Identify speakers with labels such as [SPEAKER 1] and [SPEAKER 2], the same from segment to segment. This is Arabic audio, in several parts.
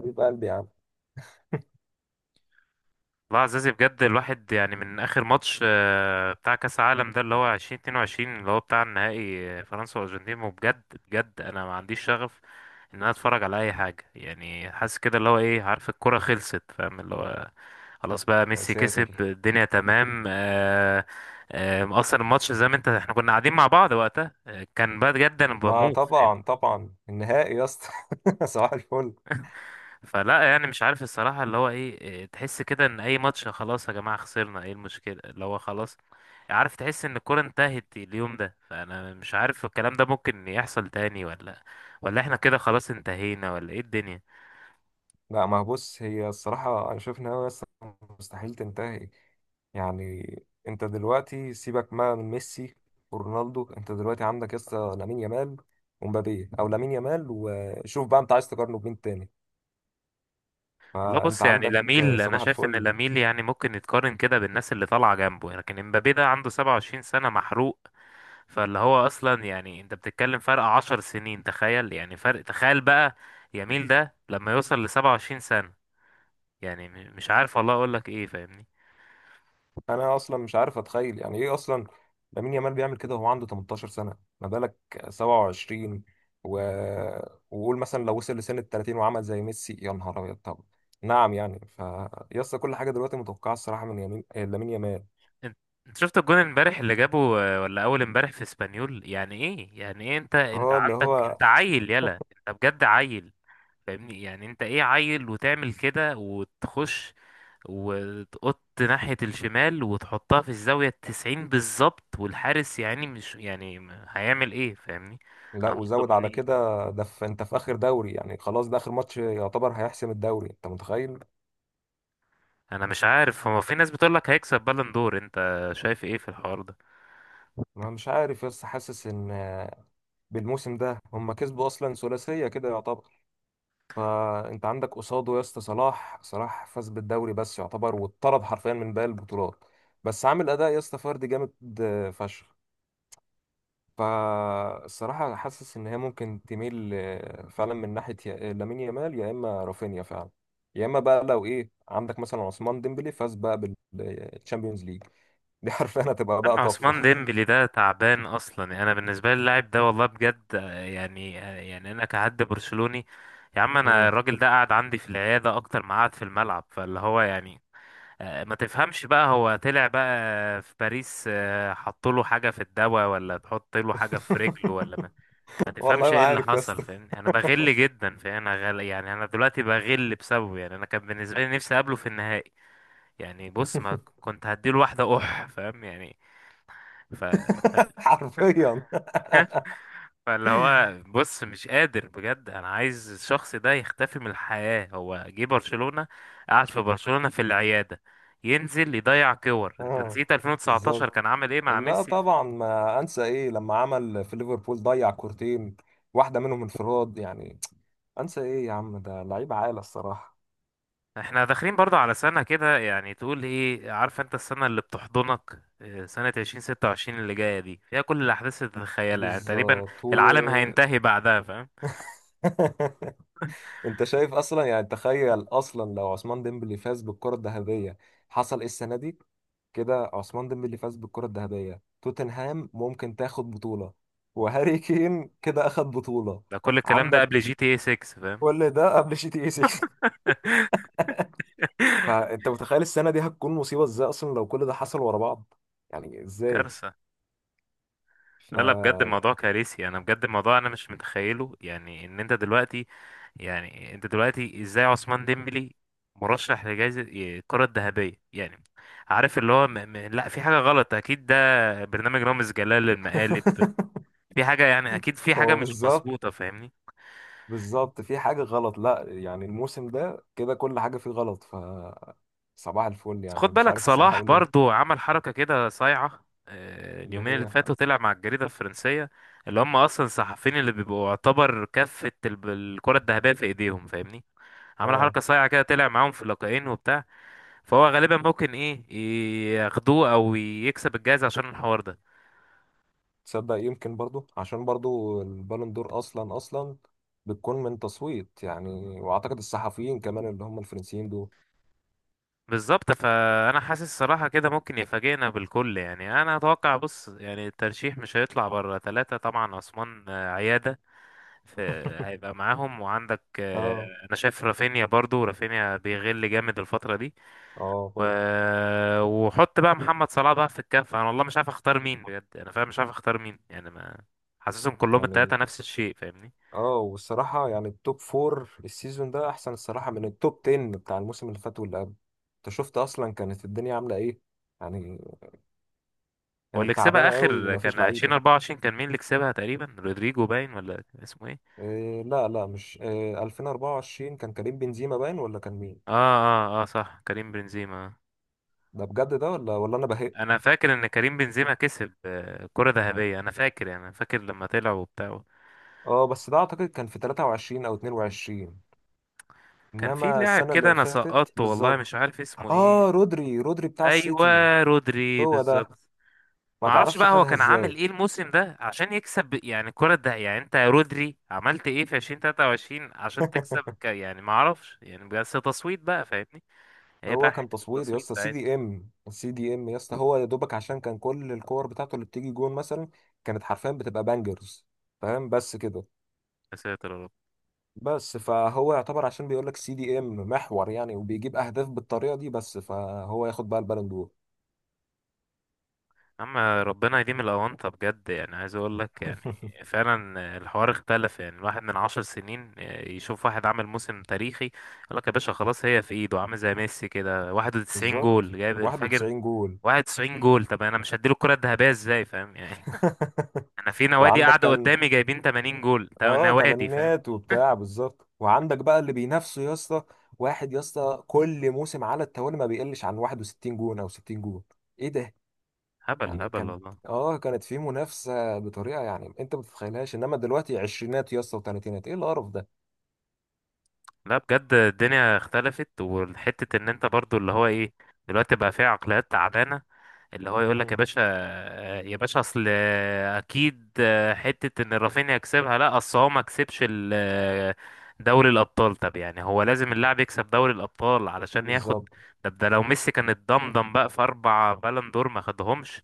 [SPEAKER 1] حبيب قلبي يا عم.
[SPEAKER 2] والله يا عزيزي بجد الواحد يعني من اخر ماتش، بتاع كاس العالم ده اللي هو 2022 اللي هو بتاع النهائي، فرنسا والارجنتين، وبجد بجد انا ما عنديش شغف ان انا اتفرج على اي حاجه. يعني حاسس كده اللي هو ايه، عارف الكره خلصت، فاهم اللي هو خلاص بقى،
[SPEAKER 1] يا
[SPEAKER 2] ميسي كسب
[SPEAKER 1] ساتر.
[SPEAKER 2] الدنيا تمام. اصلا الماتش زي ما انت، احنا كنا قاعدين مع بعض وقتها، كان بجد انا
[SPEAKER 1] ما
[SPEAKER 2] بموت.
[SPEAKER 1] طبعا طبعا النهائي يا اسطى. صباح الفل.
[SPEAKER 2] فلا، يعني مش عارف الصراحة اللي هو ايه، تحس كده ان اي ماتش خلاص يا جماعة، خسرنا ايه المشكلة اللي هو خلاص. عارف تحس ان الكورة انتهت اليوم ده، فانا مش عارف الكلام ده ممكن يحصل تاني ولا احنا كده خلاص انتهينا، ولا ايه الدنيا؟
[SPEAKER 1] لا، ما هو بص، هي الصراحة أنا شايف إن هي أصلا مستحيل تنتهي، يعني انت دلوقتي سيبك ما من ميسي ورونالدو، انت دلوقتي عندك لسه لامين يامال ومبابي او لامين يامال، وشوف بقى انت عايز تقارنه بمين تاني.
[SPEAKER 2] والله
[SPEAKER 1] فانت
[SPEAKER 2] بص، يعني
[SPEAKER 1] عندك
[SPEAKER 2] لاميل، انا
[SPEAKER 1] صباح
[SPEAKER 2] شايف ان
[SPEAKER 1] الفل.
[SPEAKER 2] لاميل يعني ممكن يتقارن كده بالناس اللي طالعة جنبه، لكن امبابي ده عنده 27 سنة محروق. فاللي هو اصلا يعني انت بتتكلم فرق 10 سنين، تخيل يعني، فرق تخيل بقى يميل ده لما يوصل ل 27 سنة. يعني مش عارف والله اقول لك ايه، فاهمني؟
[SPEAKER 1] انا اصلا مش عارف اتخيل يعني ايه اصلا. لامين يامال بيعمل كده وهو عنده 18 سنة، ما بالك 27 و... وقول مثلا لو وصل لسن ال 30 وعمل زي ميسي، يا نهار ابيض. طب نعم يعني. فيسطا كل حاجة دلوقتي متوقعة الصراحة من يمين لامين يامال.
[SPEAKER 2] انت انت شفت الجون امبارح اللي جابه، ولا اول امبارح في اسبانيول، يعني ايه، يعني ايه، انت
[SPEAKER 1] هو اللي
[SPEAKER 2] عندك،
[SPEAKER 1] هو
[SPEAKER 2] انت عيل، يلا انت بجد عيل. فاهمني يعني، انت ايه؟ عيل وتعمل كده، وتخش وتقط ناحية الشمال وتحطها في الزاوية التسعين بالظبط، والحارس يعني مش يعني هيعمل ايه، فاهمني؟
[SPEAKER 1] لا،
[SPEAKER 2] مطلوب
[SPEAKER 1] وزود
[SPEAKER 2] مني
[SPEAKER 1] على كده،
[SPEAKER 2] ايه؟
[SPEAKER 1] ده في انت في اخر دوري، يعني خلاص ده اخر ماتش يعتبر هيحسم الدوري، انت متخيل؟
[SPEAKER 2] انا مش عارف، هو في ناس بتقول لك هيكسب بالون دور، انت شايف ايه في الحوار ده؟
[SPEAKER 1] انا مش عارف بس حاسس ان بالموسم ده هم كسبوا اصلا ثلاثيه كده يعتبر. فانت عندك قصاده يا اسطى صلاح. صلاح فاز بالدوري بس يعتبر، واتطرد حرفيا من باقي البطولات، بس عامل اداء يا اسطى فردي جامد فشخ. فالصراحة أنا حاسس إن هي ممكن تميل فعلا من ناحية لامين يامال يا إما رافينيا فعلا، يا إما بقى لو إيه عندك مثلا عثمان ديمبلي فاز بقى بالتشامبيونز ليج، دي حرفيا هتبقى بقى
[SPEAKER 2] اما
[SPEAKER 1] طفرة.
[SPEAKER 2] عثمان ديمبلي ده تعبان اصلا. يعني انا بالنسبه لي اللاعب ده والله بجد، انا كحد برشلوني يا عم، انا
[SPEAKER 1] مم.
[SPEAKER 2] الراجل ده قعد عندي في العياده اكتر ما قعد في الملعب، فاللي هو يعني. ما تفهمش بقى، هو طلع بقى في باريس، حط له حاجه في الدواء ولا تحط له حاجه في رجله ولا ما
[SPEAKER 1] والله
[SPEAKER 2] تفهمش
[SPEAKER 1] ما
[SPEAKER 2] ايه اللي
[SPEAKER 1] عارف يا
[SPEAKER 2] حصل،
[SPEAKER 1] اسطى.
[SPEAKER 2] فاهمني. انا بغل جدا، فاهم؟ انا غل، يعني انا دلوقتي بغل بسببه. يعني انا كان بالنسبه لي نفسي اقابله في النهائي. يعني بص، ما كنت هديله واحده اح، فاهم يعني. ف...
[SPEAKER 1] حرفيا.
[SPEAKER 2] فاللي هو بص، مش قادر بجد، انا عايز الشخص ده يختفي من الحياة. هو جه برشلونة، قعد في برشلونة في العيادة، ينزل يضيع كور. انت
[SPEAKER 1] اه
[SPEAKER 2] نسيت 2019
[SPEAKER 1] بالظبط.
[SPEAKER 2] كان عامل ايه مع
[SPEAKER 1] لا
[SPEAKER 2] ميسي؟
[SPEAKER 1] طبعا، ما انسى ايه لما عمل في ليفربول، ضيع كورتين، واحده منهم انفراد يعني. انسى ايه يا عم، ده لعيب عالي الصراحه.
[SPEAKER 2] احنا داخلين برضه على سنة كده، يعني تقول ايه، عارف انت السنة اللي بتحضنك، سنة 2026 اللي جاية دي فيها كل الأحداث اللي تتخيلها يعني تقريبا.
[SPEAKER 1] بالظبط
[SPEAKER 2] العالم هينتهي بعدها، فاهم.
[SPEAKER 1] انت شايف اصلا؟ يعني تخيل اصلا لو عثمان ديمبلي فاز بالكرة الذهبية، حصل ايه السنة دي؟ كده عثمان ديمبلي فاز بالكرة الذهبية، توتنهام ممكن تاخد بطولة، وهاري كين كده اخد بطولة.
[SPEAKER 2] ده كل الكلام ده قبل
[SPEAKER 1] عندك
[SPEAKER 2] جي تي اي 6، فاهم.
[SPEAKER 1] كل ده قبل جي تي اي 6. فانت متخيل السنة دي هتكون مصيبة ازاي اصلا لو كل ده حصل ورا بعض؟ يعني ازاي.
[SPEAKER 2] كارثة.
[SPEAKER 1] ف
[SPEAKER 2] لا لا، بجد الموضوع كارثي، انا بجد الموضوع انا مش متخيله، يعني ان انت دلوقتي، يعني انت دلوقتي ازاي عثمان ديمبلي مرشح لجائزة الكرة الذهبية؟ يعني عارف اللي هو لا، في حاجة غلط اكيد، ده برنامج رامز جلال للمقالب. في حاجة، يعني اكيد في حاجة
[SPEAKER 1] هو
[SPEAKER 2] مش
[SPEAKER 1] بالظبط،
[SPEAKER 2] مظبوطة، فاهمني.
[SPEAKER 1] بالظبط في حاجة غلط. لا يعني الموسم ده كده كل حاجة فيه غلط. ف صباح الفل،
[SPEAKER 2] بس
[SPEAKER 1] يعني
[SPEAKER 2] خد
[SPEAKER 1] مش
[SPEAKER 2] بالك،
[SPEAKER 1] عارف الصراحة
[SPEAKER 2] صلاح
[SPEAKER 1] أقول إيه.
[SPEAKER 2] برضو عمل حركة كده صايعة،
[SPEAKER 1] اللي
[SPEAKER 2] اليومين اللي
[SPEAKER 1] هي.
[SPEAKER 2] فاتوا طلع مع الجريدة الفرنسية، اللي هم اصلا الصحفيين اللي بيبقوا يعتبر كفة الكرة الذهبية في ايديهم، فاهمني. عمل
[SPEAKER 1] آه.
[SPEAKER 2] حركة صايعة كده، طلع معاهم في اللقاءين وبتاع، فهو غالبا ممكن ايه، ياخدوه او يكسب الجائزة عشان الحوار ده.
[SPEAKER 1] تصدق يمكن برضو عشان برضو البالون دور أصلا، أصلا بتكون من تصويت يعني، وأعتقد الصحفيين كمان اللي هم الفرنسيين دول.
[SPEAKER 2] بالظبط، فانا حاسس الصراحة كده ممكن يفاجئنا بالكل. يعني انا اتوقع، بص يعني الترشيح مش هيطلع بره ثلاثة، طبعا عثمان، عيادة، في هيبقى معاهم، وعندك،
[SPEAKER 1] آه.
[SPEAKER 2] انا شايف رافينيا، برضو رافينيا بيغل جامد الفترة دي،
[SPEAKER 1] آه
[SPEAKER 2] و...
[SPEAKER 1] برضو.
[SPEAKER 2] وحط بقى محمد صلاح بقى في الكفة، انا والله مش عارف اختار مين، بجد انا فاهم مش عارف اختار مين، يعني ما، حاسسهم كلهم التلاتة
[SPEAKER 1] يعني
[SPEAKER 2] نفس الشيء، فاهمني.
[SPEAKER 1] آه. والصراحة يعني التوب فور السيزون ده أحسن الصراحة من التوب 10 بتاع الموسم اللي فات واللي قبل. أنت شفت أصلا كانت الدنيا عاملة إيه يعني؟
[SPEAKER 2] واللي
[SPEAKER 1] كانت
[SPEAKER 2] كسبها
[SPEAKER 1] تعبانة قوي
[SPEAKER 2] اخر
[SPEAKER 1] ومفيش
[SPEAKER 2] كان
[SPEAKER 1] لعيبة.
[SPEAKER 2] 2024، كان مين اللي كسبها تقريبا، رودريجو باين ولا كان اسمه ايه؟
[SPEAKER 1] إيه لا لا، مش إيه، 2024 كان كريم بنزيما، باين ولا كان مين؟
[SPEAKER 2] اه اه اه، صح، كريم بنزيما.
[SPEAKER 1] ده بجد ده ولا ولا انا بهق؟
[SPEAKER 2] انا فاكر ان كريم بنزيما كسب، كرة ذهبية، انا فاكر يعني، أنا فاكر لما طلع وبتاع.
[SPEAKER 1] اه بس ده اعتقد كان في 23 او 22،
[SPEAKER 2] كان في
[SPEAKER 1] انما
[SPEAKER 2] لاعب
[SPEAKER 1] السنه
[SPEAKER 2] كده
[SPEAKER 1] اللي
[SPEAKER 2] انا
[SPEAKER 1] فاتت
[SPEAKER 2] سقطته، والله
[SPEAKER 1] بالظبط.
[SPEAKER 2] مش عارف اسمه ايه.
[SPEAKER 1] اه، رودري، رودري بتاع السيتي.
[SPEAKER 2] ايوه، رودري،
[SPEAKER 1] هو ده.
[SPEAKER 2] بالظبط.
[SPEAKER 1] ما
[SPEAKER 2] ما اعرفش
[SPEAKER 1] تعرفش
[SPEAKER 2] بقى هو
[SPEAKER 1] خدها
[SPEAKER 2] كان عامل
[SPEAKER 1] ازاي.
[SPEAKER 2] ايه الموسم ده عشان يكسب يعني الكرة ده. يعني انت يا رودري عملت ايه في 2023 عشان تكسب يعني، ما اعرفش يعني، بس تصويت بقى، فاهمني. هي
[SPEAKER 1] هو
[SPEAKER 2] بقى
[SPEAKER 1] كان
[SPEAKER 2] حتة
[SPEAKER 1] تصويت يا
[SPEAKER 2] التصويت
[SPEAKER 1] اسطى. سي
[SPEAKER 2] ساعتها.
[SPEAKER 1] دي ام، سي دي ام يا اسطى، هو يا دوبك عشان كان كل الكور بتاعته اللي بتيجي جون مثلا كانت حرفيا بتبقى بانجرز، فاهم؟ بس كده.
[SPEAKER 2] يا ساتر يا رب.
[SPEAKER 1] بس فهو يعتبر عشان بيقول لك سي دي ام محور يعني، وبيجيب اهداف بالطريقه دي، بس فهو ياخد بقى البالون دور.
[SPEAKER 2] اما ربنا يديم الاونطة بجد، يعني عايز اقول لك يعني فعلا الحوار اختلف. يعني الواحد من عشر سنين يشوف واحد عامل موسم تاريخي، يقول لك يا باشا خلاص، هي في ايده، عامل زي ميسي كده 91
[SPEAKER 1] بالظبط،
[SPEAKER 2] جول، جايب الفجر.
[SPEAKER 1] 91 جول.
[SPEAKER 2] 91 جول طب انا مش هديله الكرة الذهبية ازاي، فاهم يعني. انا في نوادي
[SPEAKER 1] وعندك
[SPEAKER 2] قاعده
[SPEAKER 1] كان،
[SPEAKER 2] قدامي جايبين 80 جول
[SPEAKER 1] اه
[SPEAKER 2] نوادي، فاهم.
[SPEAKER 1] تمانينات وبتاع، بالظبط. وعندك بقى اللي بينافسه يا اسطى، واحد يا اسطى كل موسم على التوالي ما بيقلش عن 61 جون او 60 جون. ايه ده؟
[SPEAKER 2] هبل
[SPEAKER 1] يعني
[SPEAKER 2] هبل
[SPEAKER 1] كانت،
[SPEAKER 2] والله.
[SPEAKER 1] اه كانت في منافسه بطريقه يعني انت ما تتخيلهاش، انما دلوقتي عشرينات يا اسطى وثلاثينات، ايه القرف ده؟
[SPEAKER 2] لا بجد الدنيا اختلفت، والحتة ان انت برضو اللي هو ايه، دلوقتي بقى فيها عقليات تعبانة، اللي هو يقول لك يا
[SPEAKER 1] مم.
[SPEAKER 2] باشا، يا باشا اصل اكيد حتة ان رافينيا يكسبها، لا اصل هو ما كسبش دوري الابطال. طب يعني هو لازم اللاعب يكسب دوري الابطال علشان ياخد؟
[SPEAKER 1] بالظبط،
[SPEAKER 2] طب ده لو ميسي كان اتضمضم بقى في اربع بالون دور ما خدهمش،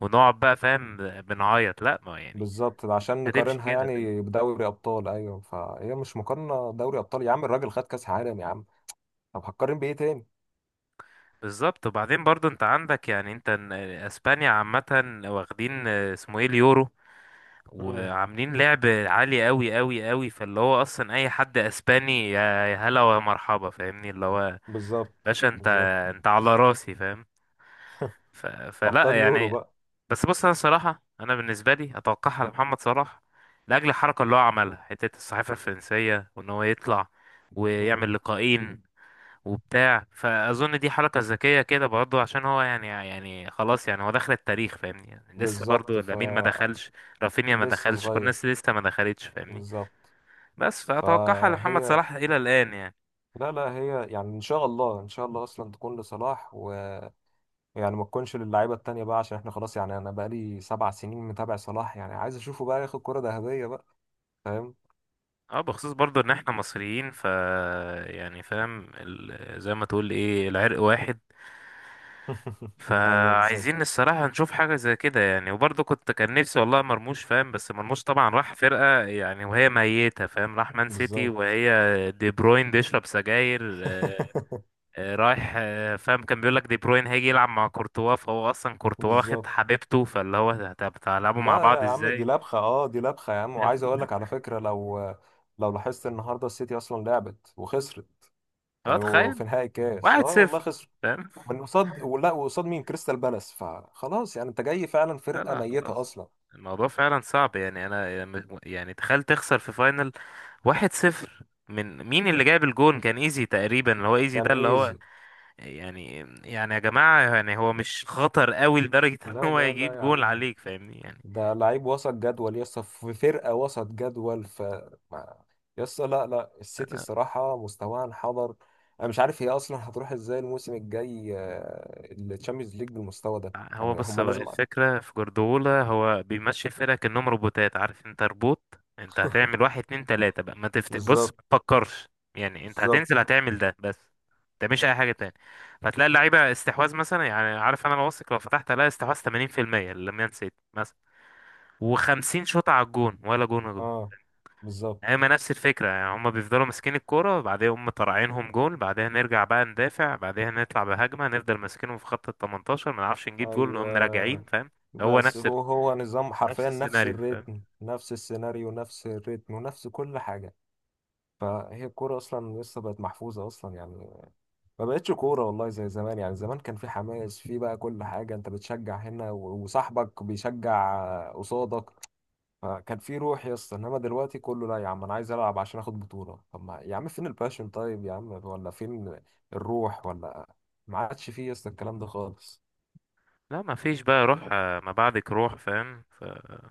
[SPEAKER 2] ونقعد بقى فاهم بنعيط، لا ما يعني
[SPEAKER 1] بالظبط عشان
[SPEAKER 2] هتمشي
[SPEAKER 1] نقارنها
[SPEAKER 2] كده، فاهم.
[SPEAKER 1] يعني بدوري ابطال. ايوه، فهي مش مقارنه، دوري ابطال يا عم؟ الراجل خد كاس عالم يا عم، طب هتقارن بايه تاني؟
[SPEAKER 2] بالظبط، وبعدين برضو انت عندك يعني انت اسبانيا عامة واخدين، اسمه ايه، اليورو،
[SPEAKER 1] امم
[SPEAKER 2] وعاملين لعب عالي قوي قوي قوي، فاللي هو اصلا اي حد اسباني، يا يا هلا ومرحبا، فاهمني اللي هو،
[SPEAKER 1] بالظبط،
[SPEAKER 2] باشا انت،
[SPEAKER 1] بالظبط.
[SPEAKER 2] انت على راسي، فاهم.
[SPEAKER 1] ابطال
[SPEAKER 2] فلا
[SPEAKER 1] يورو
[SPEAKER 2] يعني.
[SPEAKER 1] بقى.
[SPEAKER 2] بس بص، انا صراحة انا بالنسبة لي اتوقعها لمحمد صلاح، لاجل الحركة اللي هو عملها، حتة الصحيفة الفرنسية، وان هو يطلع
[SPEAKER 1] امم
[SPEAKER 2] ويعمل لقاءين وبتاع، فاظن دي حركه ذكيه كده برضه، عشان هو يعني يعني خلاص، يعني هو دخل التاريخ فاهمني، يعني لسه
[SPEAKER 1] بالظبط
[SPEAKER 2] برضه
[SPEAKER 1] ف
[SPEAKER 2] لامين ما دخلش، رافينيا ما
[SPEAKER 1] لسه
[SPEAKER 2] دخلش، كل
[SPEAKER 1] صغير،
[SPEAKER 2] الناس لسه ما دخلتش، فاهمني.
[SPEAKER 1] بالظبط.
[SPEAKER 2] بس فاتوقعها لمحمد
[SPEAKER 1] فهي
[SPEAKER 2] صلاح الى الان يعني.
[SPEAKER 1] لا لا، هي يعني ان شاء الله، ان شاء الله اصلا تكون لصلاح، ويعني ما تكونش للعيبه التانيه بقى، عشان احنا خلاص يعني انا بقى لي سبع سنين متابع صلاح، يعني عايز اشوفه بقى ياخد كره ذهبيه بقى، فاهم؟
[SPEAKER 2] اه، بخصوص برضه ان احنا مصريين ف، يعني فاهم زي ما تقول ايه، العرق واحد.
[SPEAKER 1] ايوه
[SPEAKER 2] فعايزين
[SPEAKER 1] بالظبط،
[SPEAKER 2] الصراحة نشوف حاجة زي كده، يعني وبرضه كنت، كان نفسي والله مرموش، فاهم، بس مرموش طبعا راح فرقة يعني وهي ميتة، فاهم، راح مان سيتي
[SPEAKER 1] بالظبط.
[SPEAKER 2] وهي دي بروين بيشرب سجاير. رايح، فاهم، كان بيقول لك دي بروين هيجي يلعب مع كورتوا، فهو أصلا كورتوا واخد
[SPEAKER 1] بالظبط.
[SPEAKER 2] حبيبته، فاللي هو طب هتلعبوا مع
[SPEAKER 1] لا يا
[SPEAKER 2] بعض
[SPEAKER 1] عم دي
[SPEAKER 2] ازاي؟
[SPEAKER 1] لبخة، اه دي لبخة يا عم. وعايز اقول لك على فكرة لو لاحظت النهاردة السيتي اصلا لعبت وخسرت،
[SPEAKER 2] اه
[SPEAKER 1] كانوا
[SPEAKER 2] تخيل،
[SPEAKER 1] في نهائي الكاس،
[SPEAKER 2] واحد
[SPEAKER 1] اه والله
[SPEAKER 2] صفر،
[SPEAKER 1] خسروا.
[SPEAKER 2] فاهم.
[SPEAKER 1] من قصاد، ولا وقصاد مين؟ كريستال بالاس، فخلاص يعني انت جاي فعلا
[SPEAKER 2] لا
[SPEAKER 1] فرقة
[SPEAKER 2] لا
[SPEAKER 1] ميتة
[SPEAKER 2] خلاص،
[SPEAKER 1] اصلا.
[SPEAKER 2] الموضوع فعلا صعب، يعني انا، يعني تخيل تخسر في فاينل واحد صفر، من مين؟ اللي جايب الجون كان ايزي تقريبا، اللي هو ايزي
[SPEAKER 1] كان
[SPEAKER 2] ده اللي هو
[SPEAKER 1] ايزي.
[SPEAKER 2] يعني، يعني يا جماعة يعني، هو مش خطر قوي لدرجة ان
[SPEAKER 1] لا
[SPEAKER 2] هو
[SPEAKER 1] لا
[SPEAKER 2] يجيب
[SPEAKER 1] لا يا
[SPEAKER 2] جون
[SPEAKER 1] عم،
[SPEAKER 2] عليك، فاهمني يعني.
[SPEAKER 1] ده لعيب وسط جدول يسطا، في فرقة وسط جدول. ف ما- يسطا لا لا، السيتي
[SPEAKER 2] أنا،
[SPEAKER 1] الصراحة مستواها انحدر. أنا مش عارف هي أصلا هتروح إزاي الموسم الجاي الشامبيونز ليج بالمستوى ده،
[SPEAKER 2] هو
[SPEAKER 1] يعني
[SPEAKER 2] بص
[SPEAKER 1] هما
[SPEAKER 2] بقى،
[SPEAKER 1] لازم.
[SPEAKER 2] الفكرة في جوارديولا هو بيمشي الفرقة كأنهم روبوتات، عارف انت روبوت، انت هتعمل واحد اتنين تلاتة بقى، ما تفت بص، ما
[SPEAKER 1] بالظبط،
[SPEAKER 2] تفكرش. يعني انت
[SPEAKER 1] بالظبط.
[SPEAKER 2] هتنزل هتعمل ده بس، انت مش اي حاجة تاني. فتلاقي اللعيبة استحواذ مثلا، يعني عارف انا واثق لو فتحت الاقي استحواذ 80%، اللي ما نسيت، و50 شوطة على الجون، ولا جون جون.
[SPEAKER 1] اه بالظبط.
[SPEAKER 2] هما نفس الفكرة، يعني هما بيفضلوا ماسكين الكورة، بعدين هم طالعينهم جول، بعدها نرجع بقى ندافع، بعدها نطلع بهجمة، نفضل ماسكينهم في خط ال 18، ما نعرفش نجيب جول، نقوم راجعين،
[SPEAKER 1] أيوه.
[SPEAKER 2] فاهم. هو
[SPEAKER 1] بس
[SPEAKER 2] نفس
[SPEAKER 1] هو هو نظام
[SPEAKER 2] نفس
[SPEAKER 1] حرفيا، نفس
[SPEAKER 2] السيناريو، فاهم.
[SPEAKER 1] الريتم، نفس السيناريو، نفس الريتم ونفس كل حاجة. فهي الكورة أصلا لسه بقت محفوظة أصلا يعني، ما بقتش كورة والله زي زمان. يعني زمان كان في حماس، في بقى كل حاجة، انت بتشجع هنا وصاحبك بيشجع قصادك، فكان في روح يا اسطى. انما دلوقتي كله لا، يا عم انا عايز العب عشان اخد بطولة. طب ما يا عم، فين الباشن؟ طيب يا عم، ولا فين الروح، ولا ما عادش فيه يا اسطى الكلام ده خالص.
[SPEAKER 2] لا ما فيش بقى روح، ما بعدك روح، فاهم.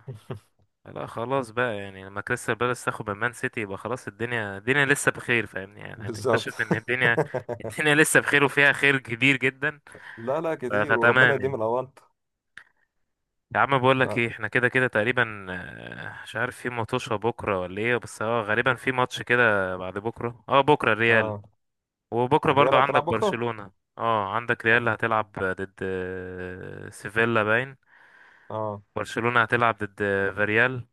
[SPEAKER 2] لا خلاص بقى، يعني لما كريستال بالاس تاخد من مان سيتي، يبقى خلاص الدنيا لسه بخير، فاهمني يعني،
[SPEAKER 1] بالظبط.
[SPEAKER 2] هتكتشف ان الدنيا لسه بخير، وفيها خير كبير جدا.
[SPEAKER 1] لا لا كتير، وربنا
[SPEAKER 2] فتمام
[SPEAKER 1] يديم
[SPEAKER 2] يعني.
[SPEAKER 1] الاوانت.
[SPEAKER 2] يا عم بقول لك
[SPEAKER 1] اه
[SPEAKER 2] ايه، احنا كده كده تقريبا، مش عارف في ماتشة بكره ولا ايه، بس اه غالبا في ماتش كده بعد بكره، اه بكره الريال،
[SPEAKER 1] آه.
[SPEAKER 2] وبكره برضو
[SPEAKER 1] الريال
[SPEAKER 2] عندك
[SPEAKER 1] هتلعب بكرة؟
[SPEAKER 2] برشلونة. اه عندك
[SPEAKER 1] طب
[SPEAKER 2] ريال هتلعب ضد، سيفيلا باين،
[SPEAKER 1] اه،
[SPEAKER 2] برشلونة هتلعب ضد، فاريال،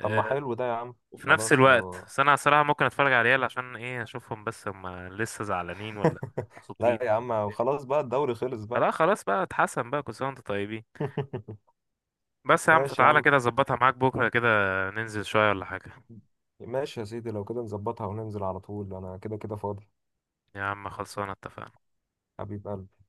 [SPEAKER 1] طب
[SPEAKER 2] آه،
[SPEAKER 1] ما حلو ده يا عم.
[SPEAKER 2] وفي نفس
[SPEAKER 1] خلاص
[SPEAKER 2] الوقت.
[SPEAKER 1] لو
[SPEAKER 2] بس انا صراحة ممكن اتفرج على ريال عشان ايه، اشوفهم بس هم لسه زعلانين ولا مبسوطين.
[SPEAKER 1] لا يا عم، وخلاص بقى الدوري خلص بقى.
[SPEAKER 2] لا خلاص بقى، اتحسن بقى، كل سنة وانتم طيبين. بس يا عم،
[SPEAKER 1] ماشي يا
[SPEAKER 2] فتعالى
[SPEAKER 1] عم.
[SPEAKER 2] كده اظبطها معاك بكره كده، ننزل شوية ولا حاجة.
[SPEAKER 1] ماشي يا سيدي، لو كده نظبطها وننزل على طول، انا كده كده فاضي.
[SPEAKER 2] يا عم خلصانة، اتفقنا.
[SPEAKER 1] حبيب قلبي.